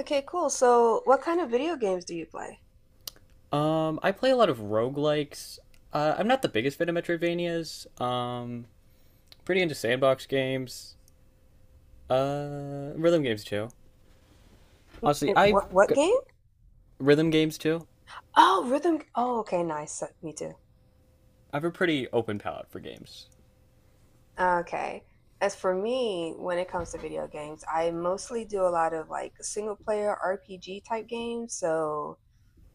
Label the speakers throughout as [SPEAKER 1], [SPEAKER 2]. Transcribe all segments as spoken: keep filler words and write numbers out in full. [SPEAKER 1] Okay, cool. So what kind of video games do you play?
[SPEAKER 2] Um, I play a lot of roguelikes. Uh, I'm not the biggest fan of Metroidvanias. Um, pretty into sandbox games. Uh, rhythm games too. Honestly,
[SPEAKER 1] And
[SPEAKER 2] I've
[SPEAKER 1] what what
[SPEAKER 2] got
[SPEAKER 1] game?
[SPEAKER 2] rhythm games too.
[SPEAKER 1] Oh, rhythm. g- Oh, okay, nice. Uh, Me too.
[SPEAKER 2] I have a pretty open palette for games.
[SPEAKER 1] Okay. As for me, when it comes to video games, I mostly do a lot of like single player R P G type games. So,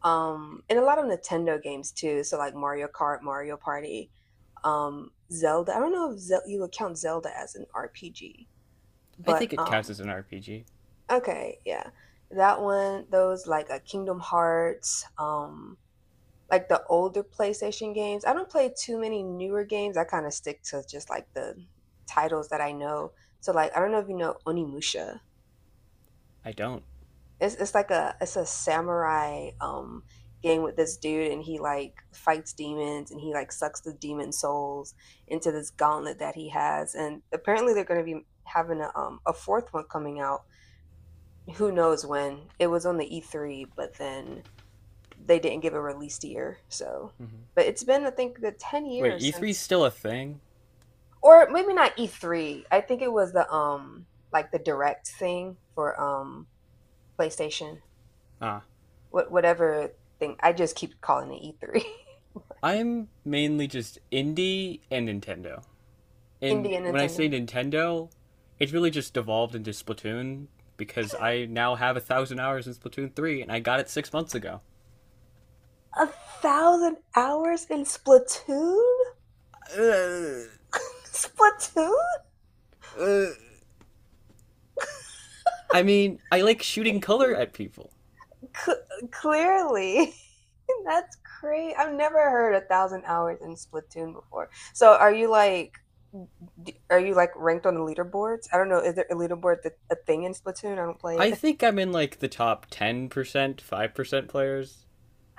[SPEAKER 1] um, and a lot of Nintendo games too. So like Mario Kart, Mario Party, um, Zelda. I don't know if Zel you would count Zelda as an R P G,
[SPEAKER 2] I
[SPEAKER 1] but
[SPEAKER 2] think it counts
[SPEAKER 1] um,
[SPEAKER 2] as an R P G.
[SPEAKER 1] okay, yeah, that one. Those like a Kingdom Hearts, um. like the older PlayStation games. I don't play too many newer games. I kind of stick to just like the titles that I know. So like I don't know if you know Onimusha.
[SPEAKER 2] I don't.
[SPEAKER 1] It's it's like a it's a samurai um game with this dude, and he like fights demons and he like sucks the demon souls into this gauntlet that he has. And apparently they're going to be having a um a fourth one coming out, who knows when. It was on the E three, but then they didn't give a released year. So, but it's been I think the ten
[SPEAKER 2] Wait,
[SPEAKER 1] years
[SPEAKER 2] E three's
[SPEAKER 1] since,
[SPEAKER 2] still a thing?
[SPEAKER 1] or maybe not E three. I think it was the um like the direct thing for um PlayStation,
[SPEAKER 2] Ah.
[SPEAKER 1] what whatever thing. I just keep calling it E three.
[SPEAKER 2] I'm mainly just indie and Nintendo, and
[SPEAKER 1] Indian
[SPEAKER 2] when I say
[SPEAKER 1] Nintendo.
[SPEAKER 2] Nintendo, it's really just devolved into Splatoon because I now have a thousand hours in Splatoon three and I got it six months ago.
[SPEAKER 1] A thousand hours in Splatoon. Splatoon.
[SPEAKER 2] I mean, I like shooting color
[SPEAKER 1] Crazy.
[SPEAKER 2] at people.
[SPEAKER 1] Clearly. That's crazy. I've never heard a thousand hours in Splatoon before. So are you like D are you like ranked on the leaderboards? I don't know. Is there a leaderboard that a thing in Splatoon? I don't play
[SPEAKER 2] I
[SPEAKER 1] it.
[SPEAKER 2] think I'm in like the top ten percent, five percent players.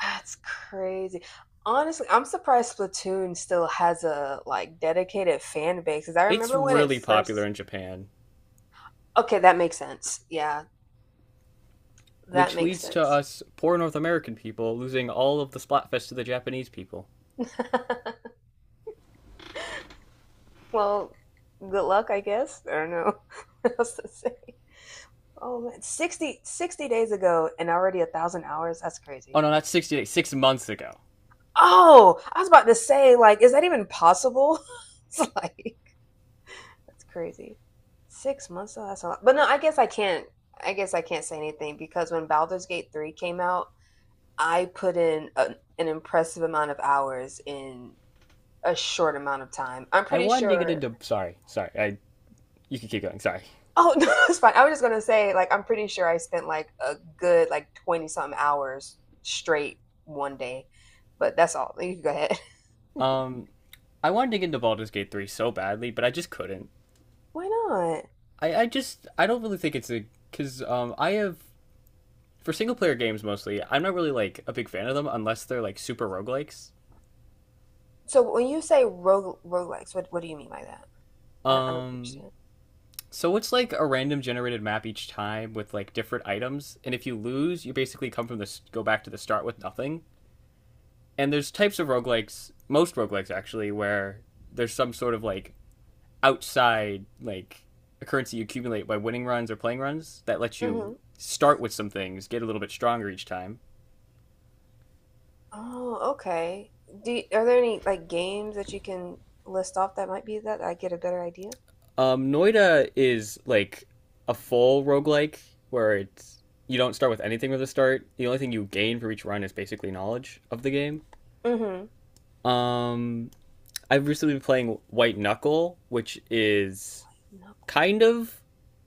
[SPEAKER 1] That's crazy. Honestly, I'm surprised Splatoon still has a like dedicated fan base. Cause I
[SPEAKER 2] It's
[SPEAKER 1] remember when it
[SPEAKER 2] really popular
[SPEAKER 1] first.
[SPEAKER 2] in Japan,
[SPEAKER 1] Okay, that makes sense. Yeah, that
[SPEAKER 2] which
[SPEAKER 1] makes
[SPEAKER 2] leads to
[SPEAKER 1] sense.
[SPEAKER 2] us poor North American people losing all of the Splatfest to the Japanese people.
[SPEAKER 1] Well, good luck, I guess. I don't know what else to say. Oh man, 60, sixty days ago and already a thousand hours. That's
[SPEAKER 2] Oh
[SPEAKER 1] crazy.
[SPEAKER 2] no, that's sixty days, six months ago.
[SPEAKER 1] Oh, I was about to say, like, is that even possible? It's like. That's crazy. Six months though, that's a lot. But no, I guess I can't. I guess I can't say anything because when Baldur's Gate three came out, I put in a, an impressive amount of hours in a short amount of time. I'm
[SPEAKER 2] I
[SPEAKER 1] pretty
[SPEAKER 2] wanted to get
[SPEAKER 1] sure.
[SPEAKER 2] into. Sorry, sorry. I, you can keep going, sorry.
[SPEAKER 1] Oh no, it's fine. I was just gonna say, like, I'm pretty sure I spent like a good like twenty something hours straight one day. But that's all. You can go ahead.
[SPEAKER 2] Um, I wanted to get into Baldur's Gate three so badly, but I just couldn't.
[SPEAKER 1] Why not?
[SPEAKER 2] I, I just, I don't really think it's a, because um, I have, for single player games mostly, I'm not really like a big fan of them unless they're like super roguelikes.
[SPEAKER 1] So when you say rogue roguelikes, what what do you mean by that? I don't, I don't
[SPEAKER 2] Um,
[SPEAKER 1] understand.
[SPEAKER 2] so it's like a random generated map each time with like different items, and if you lose, you basically come from the go back to the start with nothing. And there's types of roguelikes, most roguelikes actually, where there's some sort of like outside like a currency you accumulate by winning runs or playing runs that lets you
[SPEAKER 1] Mm-hmm.
[SPEAKER 2] start with some things, get a little bit stronger each time.
[SPEAKER 1] Oh, okay. Do y- are there any like games that you can list off that might be that I get a better idea?
[SPEAKER 2] Um, Noida is like a full roguelike where it's you don't start with anything from the start. The only thing you gain for each run is basically knowledge of the game.
[SPEAKER 1] Mm-hmm.
[SPEAKER 2] Um, I've recently been playing White Knuckle, which is
[SPEAKER 1] No.
[SPEAKER 2] kind of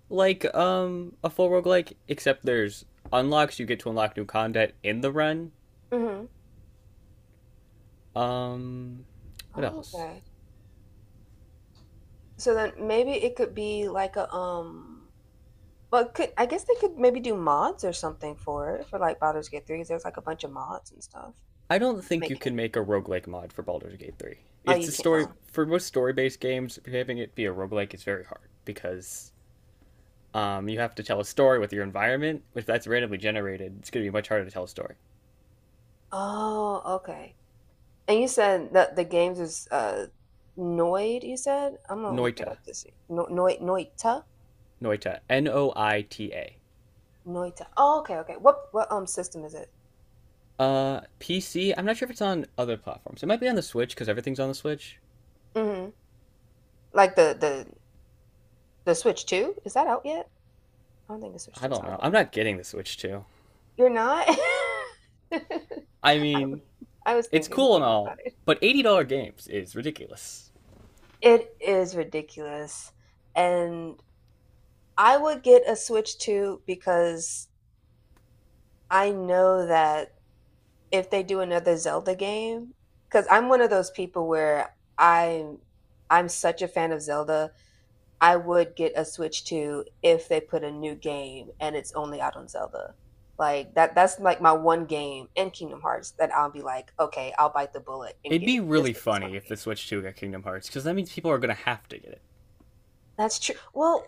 [SPEAKER 2] like um, a full roguelike, except there's unlocks you get to unlock new content in the run.
[SPEAKER 1] Mm-hmm.
[SPEAKER 2] Um, what
[SPEAKER 1] Oh,
[SPEAKER 2] else?
[SPEAKER 1] okay. So then maybe it could be like a um well could I guess they could maybe do mods or something for it for like Baldur's Gate Three? There's like a bunch of mods and stuff
[SPEAKER 2] I don't
[SPEAKER 1] to
[SPEAKER 2] think you
[SPEAKER 1] make
[SPEAKER 2] can
[SPEAKER 1] it.
[SPEAKER 2] make a roguelike mod for Baldur's Gate three.
[SPEAKER 1] Oh,
[SPEAKER 2] It's
[SPEAKER 1] you
[SPEAKER 2] a
[SPEAKER 1] can't
[SPEAKER 2] story
[SPEAKER 1] own. Oh.
[SPEAKER 2] for most story-based games, having it be a roguelike is very hard because um, you have to tell a story with your environment. If that's randomly generated, it's going to be much harder to tell a story.
[SPEAKER 1] Oh, okay. And you said that the games is uh Noid, you said? I'm gonna look it
[SPEAKER 2] Noita,
[SPEAKER 1] up to see. No Noid Noita?
[SPEAKER 2] Noita, N O I T A.
[SPEAKER 1] Noita. Oh, okay, okay. What what um system is it?
[SPEAKER 2] Uh, P C. I'm not sure if it's on other platforms. It might be on the Switch because everything's on the Switch.
[SPEAKER 1] Mm-hmm. Like the the the Switch two? Is that out yet? I don't think the Switch
[SPEAKER 2] I
[SPEAKER 1] two is
[SPEAKER 2] don't
[SPEAKER 1] out
[SPEAKER 2] know.
[SPEAKER 1] yet.
[SPEAKER 2] I'm not getting the Switch too.
[SPEAKER 1] You're not? I,
[SPEAKER 2] I mean,
[SPEAKER 1] I was
[SPEAKER 2] it's
[SPEAKER 1] thinking
[SPEAKER 2] cool and
[SPEAKER 1] thinking
[SPEAKER 2] all,
[SPEAKER 1] about it.
[SPEAKER 2] but eighty dollar games is ridiculous.
[SPEAKER 1] It is ridiculous. And I would get a Switch two because I know that if they do another Zelda game, because I'm one of those people where I'm I'm such a fan of Zelda I would get a Switch two if they put a new game and it's only out on Zelda. Like that that's like my one game in Kingdom Hearts that I'll be like, okay, I'll bite the bullet and
[SPEAKER 2] It'd
[SPEAKER 1] get
[SPEAKER 2] be
[SPEAKER 1] it just
[SPEAKER 2] really
[SPEAKER 1] for this one
[SPEAKER 2] funny if
[SPEAKER 1] game.
[SPEAKER 2] the Switch two got Kingdom Hearts, because that means people are going to have to get it.
[SPEAKER 1] That's true. Well,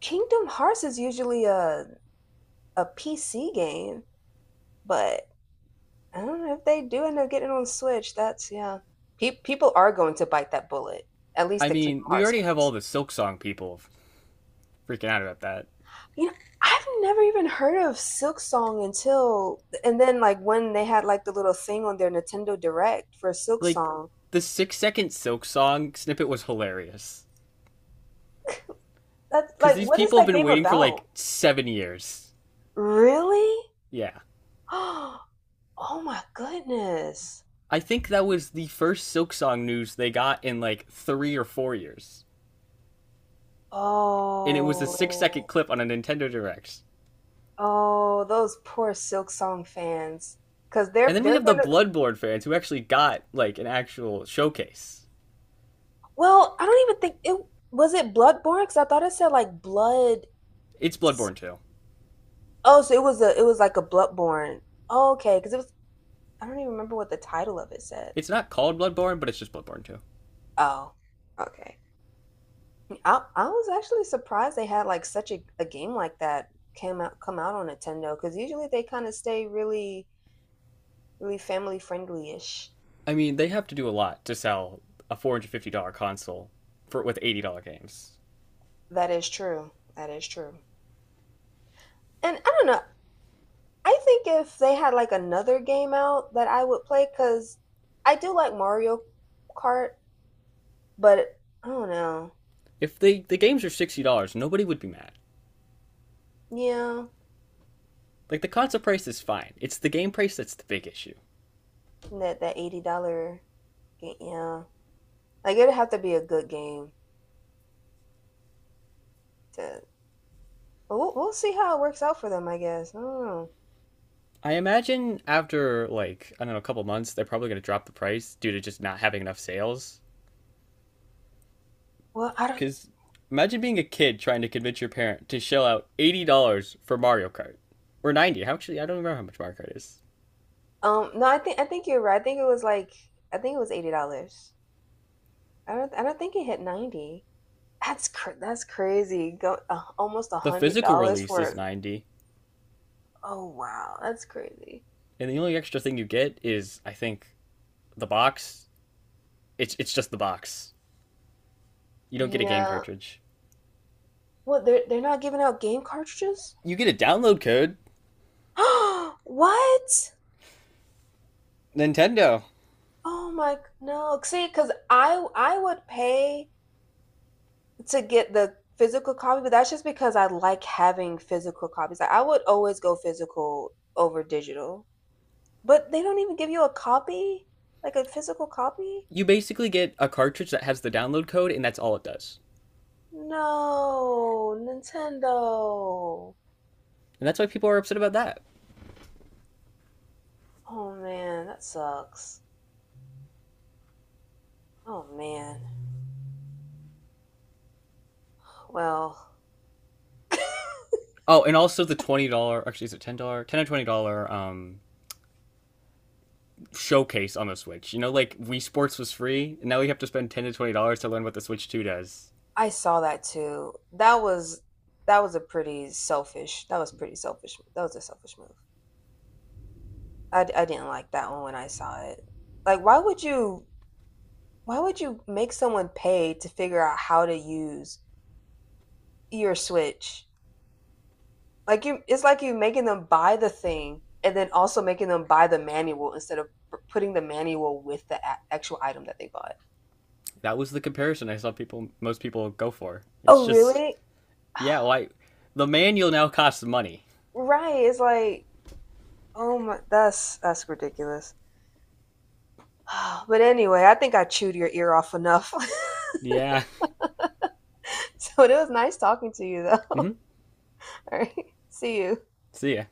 [SPEAKER 1] Kingdom Hearts is usually a a P C game, but I don't know if they do end up getting it on Switch. That's yeah. Pe- people are going to bite that bullet. At least
[SPEAKER 2] I
[SPEAKER 1] the Kingdom
[SPEAKER 2] mean, we
[SPEAKER 1] Hearts
[SPEAKER 2] already have all
[SPEAKER 1] fans.
[SPEAKER 2] the Silk Song people freaking out about that.
[SPEAKER 1] You know, I've never even heard of Silk Song until, and then like when they had like the little thing on their Nintendo Direct for Silk
[SPEAKER 2] Like,
[SPEAKER 1] Song.
[SPEAKER 2] the six second Silk Song snippet was hilarious.
[SPEAKER 1] That's
[SPEAKER 2] Because
[SPEAKER 1] like,
[SPEAKER 2] these
[SPEAKER 1] what is
[SPEAKER 2] people have
[SPEAKER 1] that
[SPEAKER 2] been
[SPEAKER 1] game
[SPEAKER 2] waiting for like
[SPEAKER 1] about?
[SPEAKER 2] seven years.
[SPEAKER 1] Really?
[SPEAKER 2] Yeah.
[SPEAKER 1] Oh, my goodness.
[SPEAKER 2] I think that was the first Silk Song news they got in like three or four years. And it was a six
[SPEAKER 1] Oh,
[SPEAKER 2] second clip on a Nintendo Direct.
[SPEAKER 1] oh, those poor Silk Song fans. Because
[SPEAKER 2] And
[SPEAKER 1] they're
[SPEAKER 2] then we
[SPEAKER 1] they're
[SPEAKER 2] have the
[SPEAKER 1] gonna,
[SPEAKER 2] Bloodborne fans who actually got like an actual showcase.
[SPEAKER 1] well, I don't even think it, was it Bloodborne? Because I thought it said like blood.
[SPEAKER 2] It's
[SPEAKER 1] s-
[SPEAKER 2] Bloodborne two.
[SPEAKER 1] Oh, so it was a it was like a Bloodborne. Oh, okay, because it was. I don't even remember what the title of it said.
[SPEAKER 2] It's not called Bloodborne, but it's just Bloodborne two.
[SPEAKER 1] Oh, okay. I I was actually surprised they had like such a, a game like that came out come out on Nintendo, because usually they kind of stay really really family friendly ish.
[SPEAKER 2] I mean, they have to do a lot to sell a four hundred fifty dollar console for with eighty dollar games.
[SPEAKER 1] That is true. That is true. And I don't know. I think if they had like another game out that I would play because I do like Mario Kart, but I don't know.
[SPEAKER 2] If they the games are sixty dollar nobody would be mad.
[SPEAKER 1] Yeah,
[SPEAKER 2] Like the console price is fine. It's the game price that's the big issue.
[SPEAKER 1] that that eighty dollar game. Yeah, like it'd have to be a good game to. But we'll, we'll see how it works out for them, I guess. I don't know.
[SPEAKER 2] I imagine after like I don't know a couple months, they're probably going to drop the price due to just not having enough sales
[SPEAKER 1] Well, I don't.
[SPEAKER 2] cuz imagine being a kid trying to convince your parent to shell out eighty dollars for Mario Kart or ninety. How actually I don't remember how much Mario Kart is.
[SPEAKER 1] Um, no, I think I think you're right. I think it was like I think it was eighty dollars. I don't I don't think it hit ninety. That's cr- that's crazy. Go uh, almost a
[SPEAKER 2] The
[SPEAKER 1] hundred
[SPEAKER 2] physical
[SPEAKER 1] dollars
[SPEAKER 2] release
[SPEAKER 1] for
[SPEAKER 2] is
[SPEAKER 1] it.
[SPEAKER 2] ninety dollars.
[SPEAKER 1] Oh wow, that's crazy.
[SPEAKER 2] And the only extra thing you get is, I think, the box. It's it's just the box. You don't get a game
[SPEAKER 1] Yeah.
[SPEAKER 2] cartridge.
[SPEAKER 1] What, they're they're not giving out game cartridges?
[SPEAKER 2] You get a download code.
[SPEAKER 1] What?
[SPEAKER 2] Nintendo.
[SPEAKER 1] Oh my g- no. See, because I I would pay to get the physical copy, but that's just because I like having physical copies. Like, I would always go physical over digital. But they don't even give you a copy? Like a physical copy?
[SPEAKER 2] You basically get a cartridge that has the download code, and that's all it does.
[SPEAKER 1] No, Nintendo.
[SPEAKER 2] And that's why people are upset about that.
[SPEAKER 1] Oh man, that sucks. Oh man. Well,
[SPEAKER 2] Oh, and also the twenty dollar. Actually, is it ten dollar? Ten dollars or twenty dollar um, showcase on the Switch. You know, like Wii Sports was free, and now we have to spend ten to twenty dollars to learn what the Switch Two does.
[SPEAKER 1] I saw that too. That was that was a pretty selfish. That was pretty selfish. That was a selfish move. I, d- I didn't like that one when I saw it. Like, why would you why would you make someone pay to figure out how to use your Switch? Like you, it's like you making them buy the thing and then also making them buy the manual instead of p- putting the manual with the a- actual item that they bought.
[SPEAKER 2] That was the comparison I saw people, most people go for. It's
[SPEAKER 1] Oh,
[SPEAKER 2] just,
[SPEAKER 1] really?
[SPEAKER 2] yeah, why the manual now costs money.
[SPEAKER 1] Right. It's like, oh my, that's that's ridiculous. But anyway, I think I chewed your ear off enough.
[SPEAKER 2] Yeah.
[SPEAKER 1] So it was nice talking to you, though. All right. See you.
[SPEAKER 2] See ya.